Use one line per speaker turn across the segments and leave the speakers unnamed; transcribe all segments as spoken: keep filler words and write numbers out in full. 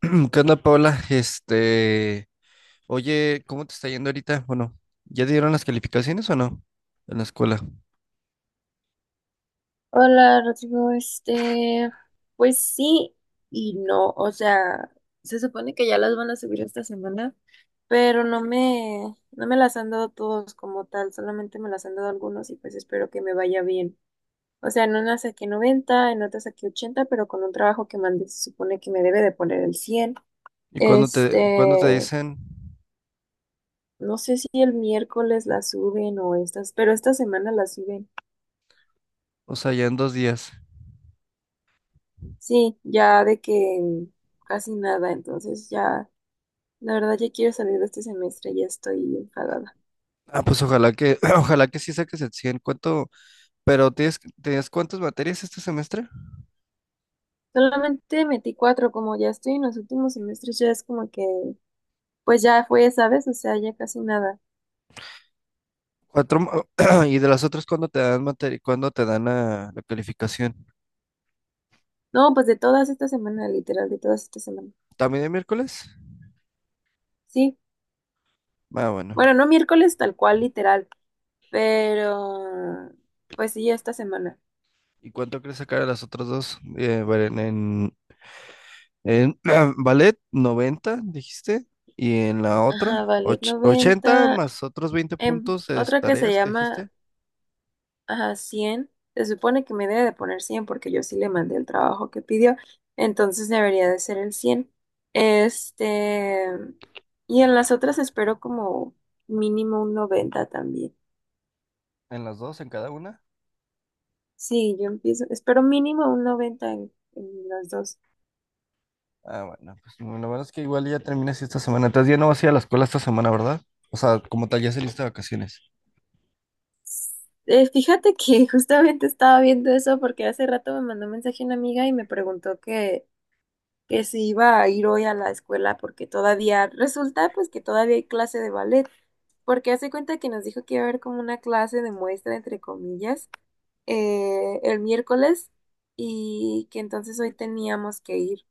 ¿Qué onda, Paula? Este, oye, ¿cómo te está yendo ahorita? Bueno, ¿ya te dieron las calificaciones o no? En la escuela.
Hola, Rodrigo, este, pues sí y no, o sea, se supone que ya las van a subir esta semana, pero no me, no me las han dado todos como tal, solamente me las han dado algunos y pues espero que me vaya bien. O sea, en una saqué noventa, en otra saqué ochenta, pero con un trabajo que mandé se supone que me debe de poner el cien.
¿Y cuándo te, cuándo te
Este,
dicen?
no sé si el miércoles las suben o estas, pero esta semana las suben.
O sea, ya en dos días.
Sí, ya de que casi nada, entonces ya. La verdad ya quiero salir de este semestre, ya estoy enfadada.
Ah, pues ojalá que, ojalá que sí saques el cien. ¿Cuánto? Pero tienes, ¿tenías cuántas materias este semestre?
Solamente metí cuatro, como ya estoy en los últimos semestres, ya es como que, pues ya fue, ¿sabes? O sea, ya casi nada.
Cuatro. mo- ¿Y de las otras cuándo te dan materia, cuándo te dan la, la calificación?
No, pues de todas esta semana, literal, de todas esta semana.
¿También el miércoles?
Sí,
Ah, bueno.
bueno, no miércoles tal cual, literal, pero pues sí, esta semana.
¿Y cuánto crees sacar a las otras dos? Eh, bueno, en, En ballet, noventa dijiste. Y en la
Ajá,
otra, och-
ballet
ochenta
noventa,
más otros veinte
em,
puntos de
otra que se
tareas que
llama.
dijiste.
Ajá, cien. Se supone que me debe de poner cien porque yo sí le mandé el trabajo que pidió. Entonces debería de ser el cien. Este, y en las otras espero como mínimo un noventa también.
En las dos, en cada una.
Sí, yo empiezo, espero mínimo un noventa en, en las dos.
Ah, bueno, pues lo bueno es que igual ya terminas esta semana. Entonces ya no vas a ir a la escuela esta semana, ¿verdad? O sea, como tal, ya saliste de vacaciones.
Eh, fíjate que justamente estaba viendo eso porque hace rato me mandó un mensaje una amiga y me preguntó que que si iba a ir hoy a la escuela porque todavía resulta pues que todavía hay clase de ballet, porque hace cuenta que nos dijo que iba a haber como una clase de muestra, entre comillas, eh, el miércoles y que entonces hoy teníamos que ir.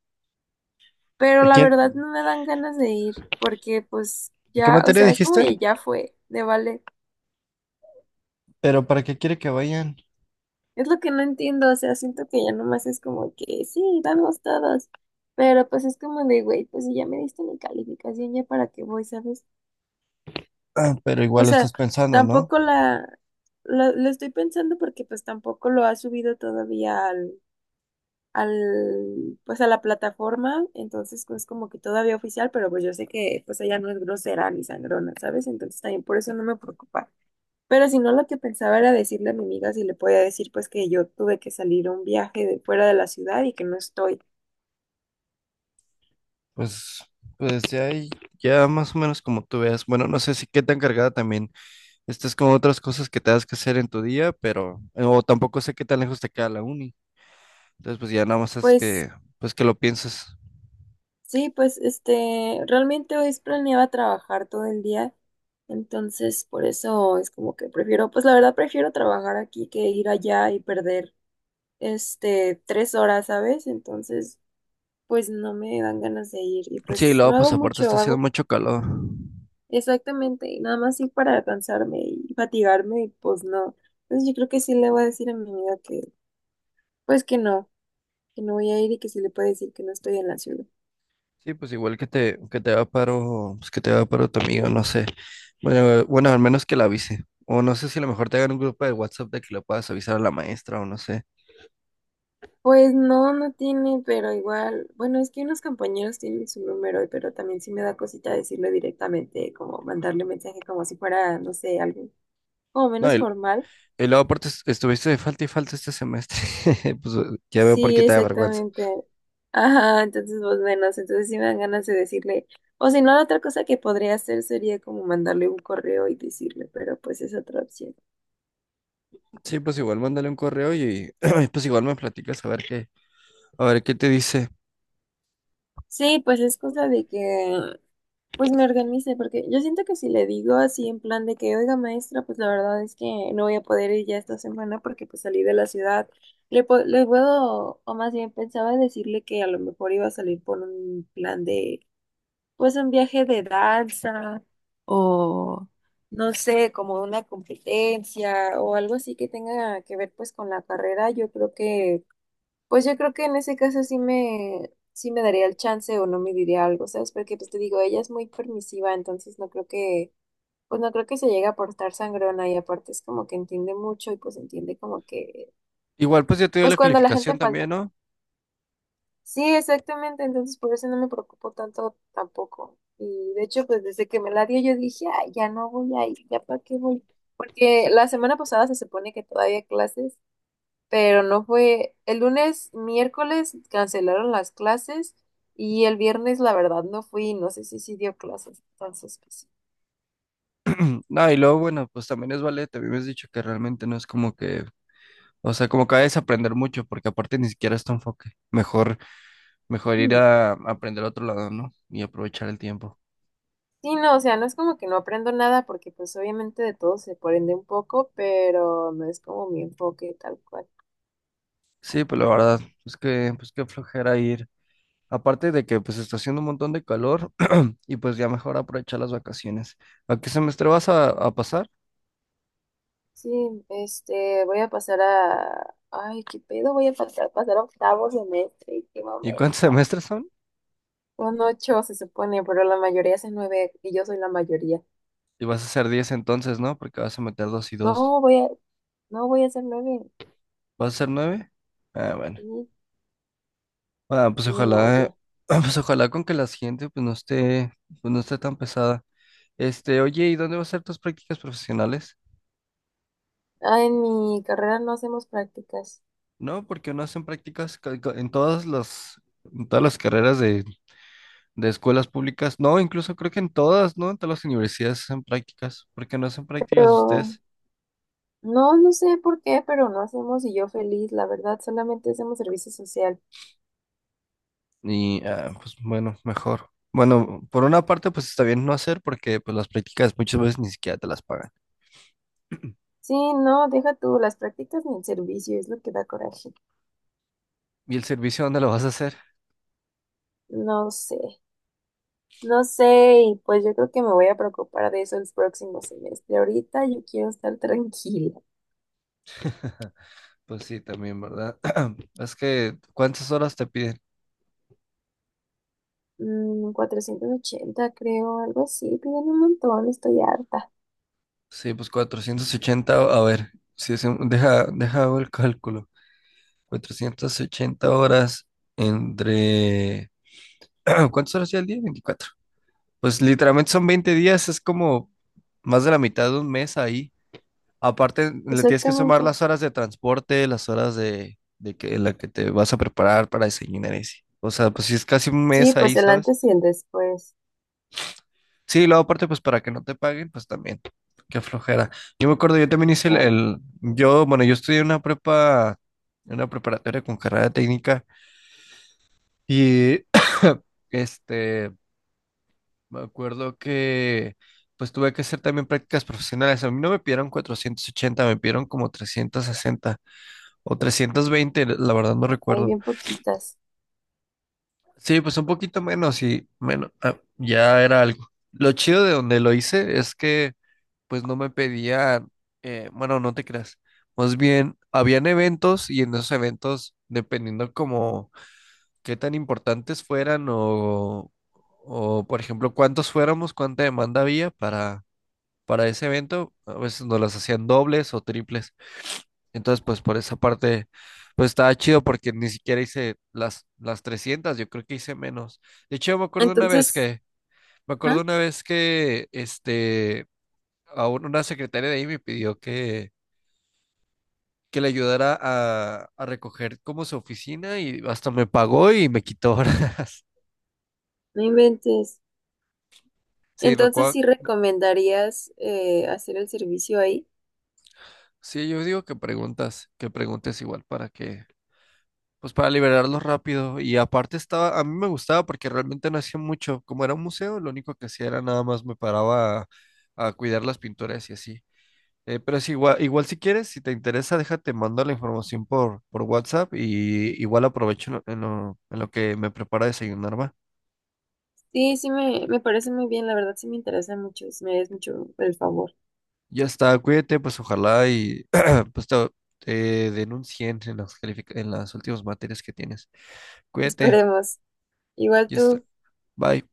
Pero
¿A
la
quién?
verdad no me dan ganas de ir porque pues
¿De qué
ya, o
materia
sea, es como
dijiste?
que ya fue de ballet.
Pero ¿para qué quiere que vayan?
Es lo que no entiendo, o sea, siento que ya nomás es como que sí, vamos todos. Pero pues es como de, güey, pues si ya me diste mi calificación, ya para qué voy, ¿sabes?
Ah, pero
O
igual lo
sea,
estás pensando, ¿no?
tampoco la, la, la estoy pensando porque pues tampoco lo ha subido todavía al, al, pues a la plataforma, entonces pues como que todavía oficial, pero pues yo sé que pues ella no es grosera ni sangrona, ¿sabes? Entonces también por eso no me preocupa. Pero si no, lo que pensaba era decirle a mi amiga si le podía decir pues que yo tuve que salir a un viaje de fuera de la ciudad y que no estoy.
Pues, pues ya, hay- ya más o menos como tú veas. Bueno, no sé si qué tan cargada también estas es como otras cosas que te das que hacer en tu día, pero, o tampoco sé qué tan lejos te queda la uni. Entonces, pues ya nada más es
Pues
que, pues que lo pienses.
sí, pues este, realmente hoy planeaba trabajar todo el día, entonces por eso es como que prefiero, pues la verdad prefiero trabajar aquí que ir allá y perder este tres horas, ¿sabes? Entonces, pues no me dan ganas de ir y
Sí, y
pues
luego,
no
pues
hago
aparte está
mucho,
haciendo
hago
mucho calor.
exactamente nada más ir para cansarme y fatigarme y pues no. Entonces yo creo que sí le voy a decir a mi amiga que, pues que no, que no voy a ir y que sí le puedo decir que no estoy en la ciudad.
Sí, pues igual que te, que te va paro, pues que te va paro tu amigo, no sé. Bueno, bueno, al menos que la avise. O no sé si a lo mejor te hagan un grupo de WhatsApp de que lo puedas avisar a la maestra o no sé.
Pues no, no tiene, pero igual, bueno, es que unos compañeros tienen su número, pero también sí me da cosita decirlo directamente, como mandarle mensaje como si fuera, no sé, algo como
No,
menos
y,
formal.
y luego aparte es- estuviste de falta y falta este semestre. Pues ya veo por
Sí,
qué te da vergüenza.
exactamente. Ajá, entonces vos menos, entonces sí me dan ganas de decirle, o si no, la otra cosa que podría hacer sería como mandarle un correo y decirle, pero pues es otra opción.
Sí, pues igual mándale un correo y pues igual me platicas a ver qué, a ver, ¿qué te dice?
Sí, pues es cosa de que pues me organice, porque yo siento que si le digo así en plan de que, oiga maestra, pues la verdad es que no voy a poder ir ya esta semana porque pues salí de la ciudad, le, po- le puedo, o más bien pensaba decirle que a lo mejor iba a salir por un plan de, pues un viaje de danza o no sé, como una competencia o algo así que tenga que ver pues con la carrera, yo creo que pues yo creo que en ese caso sí me, sí me daría el chance o no me diría algo, ¿sabes? Porque pues te digo, ella es muy permisiva, entonces no creo que, pues no creo que se llegue a portar sangrona y aparte es como que entiende mucho y pues entiende como que,
Igual, pues ya te dio la
pues cuando la gente
calificación
falta.
también, ¿no?
Sí, exactamente, entonces por eso no me preocupo tanto tampoco. Y de hecho, pues desde que me la dio yo dije, "Ay, ya no voy a ir, ya para qué voy. Porque
Sí.
la semana pasada se supone que todavía clases, pero no fue. El lunes, miércoles cancelaron las clases y el viernes, la verdad, no fui, no sé si sí dio clases, entonces pues sí.
No, y luego, bueno, pues también es ballet. A mí me has dicho que realmente no es como que, o sea, como que vayas a aprender mucho, porque aparte ni siquiera es tu enfoque. Mejor, mejor ir
Mm.
a, a aprender a otro lado, ¿no? Y aprovechar el tiempo.
Sí, no, o sea, no es como que no aprendo nada porque pues obviamente de todo se aprende un poco, pero no es como mi enfoque tal cual.
Sí, pues la verdad, pues que, pues qué flojera ir. Aparte de que, pues está haciendo un montón de calor y pues ya mejor aprovechar las vacaciones. ¿A qué semestre vas a, a pasar?
Sí, este, voy a pasar a... Ay, qué pedo, voy a pasar, pasar a octavo semestre, qué
¿Y
momento.
cuántos semestres son?
Son ocho se supone, pero la mayoría hace nueve y yo soy la mayoría.
Y vas a hacer diez entonces, ¿no? Porque vas a meter dos y dos.
No, voy a, no voy a hacer nueve.
¿Va a ser nueve? Ah, bueno.
Sí,
Ah, pues
sí, no,
ojalá, eh,
oye.
pues ojalá con que la siguiente pues no esté, pues no esté tan pesada. Este, oye, ¿y dónde va a ser tus prácticas profesionales?
Ah, en mi carrera no hacemos prácticas,
No, porque no hacen prácticas ca- ca- en todas las, en todas las carreras de, de escuelas públicas. No, incluso creo que en todas, ¿no? En todas las universidades hacen prácticas. ¿Por qué no hacen prácticas
pero
ustedes?
no, no sé por qué, pero no hacemos y yo feliz, la verdad, solamente hacemos servicio social.
Y ah, pues bueno, mejor. Bueno, por una parte, pues está bien no hacer, porque pues las prácticas muchas veces ni siquiera te las pagan.
Sí, no, deja tú las prácticas ni el servicio, es lo que da coraje.
¿Y el servicio dónde lo vas a hacer?
No sé, no sé, y pues yo creo que me voy a preocupar de eso el próximo semestre. Ahorita yo quiero estar tranquila.
Pues sí, también, ¿verdad? Es que, ¿cuántas horas te piden?
Mm, cuatrocientos ochenta, creo, algo así, piden un montón, estoy harta.
Sí, pues cuatrocientas ochenta a ver, si es un- deja, deja hago el cálculo. Cuatrocientas ochenta horas entre... ¿Cuántas horas ya al día? Veinticuatro. Pues literalmente son veinte días, es como más de la mitad de un mes ahí. Aparte, le tienes que
Exactamente.
sumar las horas de transporte, las horas de, de que, en la que te vas a preparar para desayunar y así. O sea, pues sí es casi un
Sí,
mes
pues
ahí,
el
¿sabes?
antes y el después.
Sí, luego aparte, pues para que no te paguen, pues también. Qué flojera. Yo me acuerdo, yo también hice el,
Ah,
el- yo, bueno, yo estudié una prepa, una preparatoria con carrera técnica y este, me acuerdo que pues tuve que hacer también prácticas profesionales. A mí no me pidieron cuatrocientos ochenta, me pidieron como trescientos sesenta o trescientos veinte, la verdad no
hay
recuerdo.
bien poquitas.
Sí, pues un poquito menos y menos, ah, ya era algo. Lo chido de donde lo hice es que pues no me pedían, eh, bueno, no te creas. Más bien, habían eventos y en esos eventos, dependiendo como qué tan importantes fueran o, o por ejemplo, cuántos fuéramos, cuánta demanda había para, para ese evento, a veces nos las hacían dobles o triples. Entonces, pues por esa parte, pues estaba chido porque ni siquiera hice las, las trescientas, yo creo que hice menos. De hecho, me acuerdo una vez
Entonces,
que, me
ajá,
acuerdo una vez que, este, a un- una secretaria de ahí me pidió que que le ayudara a, a recoger como su oficina y hasta me pagó y me quitó ahora.
no inventes.
Sí, me
Entonces,
acuerdo.
¿sí recomendarías eh, hacer el servicio ahí?
Sí, yo digo que preguntas, que preguntes igual para que, pues para liberarlos rápido. Y aparte estaba, a mí me gustaba porque realmente no hacía mucho. Como era un museo, lo único que hacía era nada más me paraba a, a cuidar las pinturas y así. Eh, pero sí, igual, igual si quieres, si te interesa, déjate, mando la información por, por WhatsApp y igual aprovecho en lo, en lo en lo que me prepara desayunar, ¿va?
Sí, sí, me, me parece muy bien. La verdad, sí me interesa mucho. Sí, me haces mucho el favor.
Ya está, cuídate, pues ojalá y pues te, te den en las, calific- en las últimas materias que tienes. Cuídate,
Esperemos. Igual
ya está,
tú.
bye.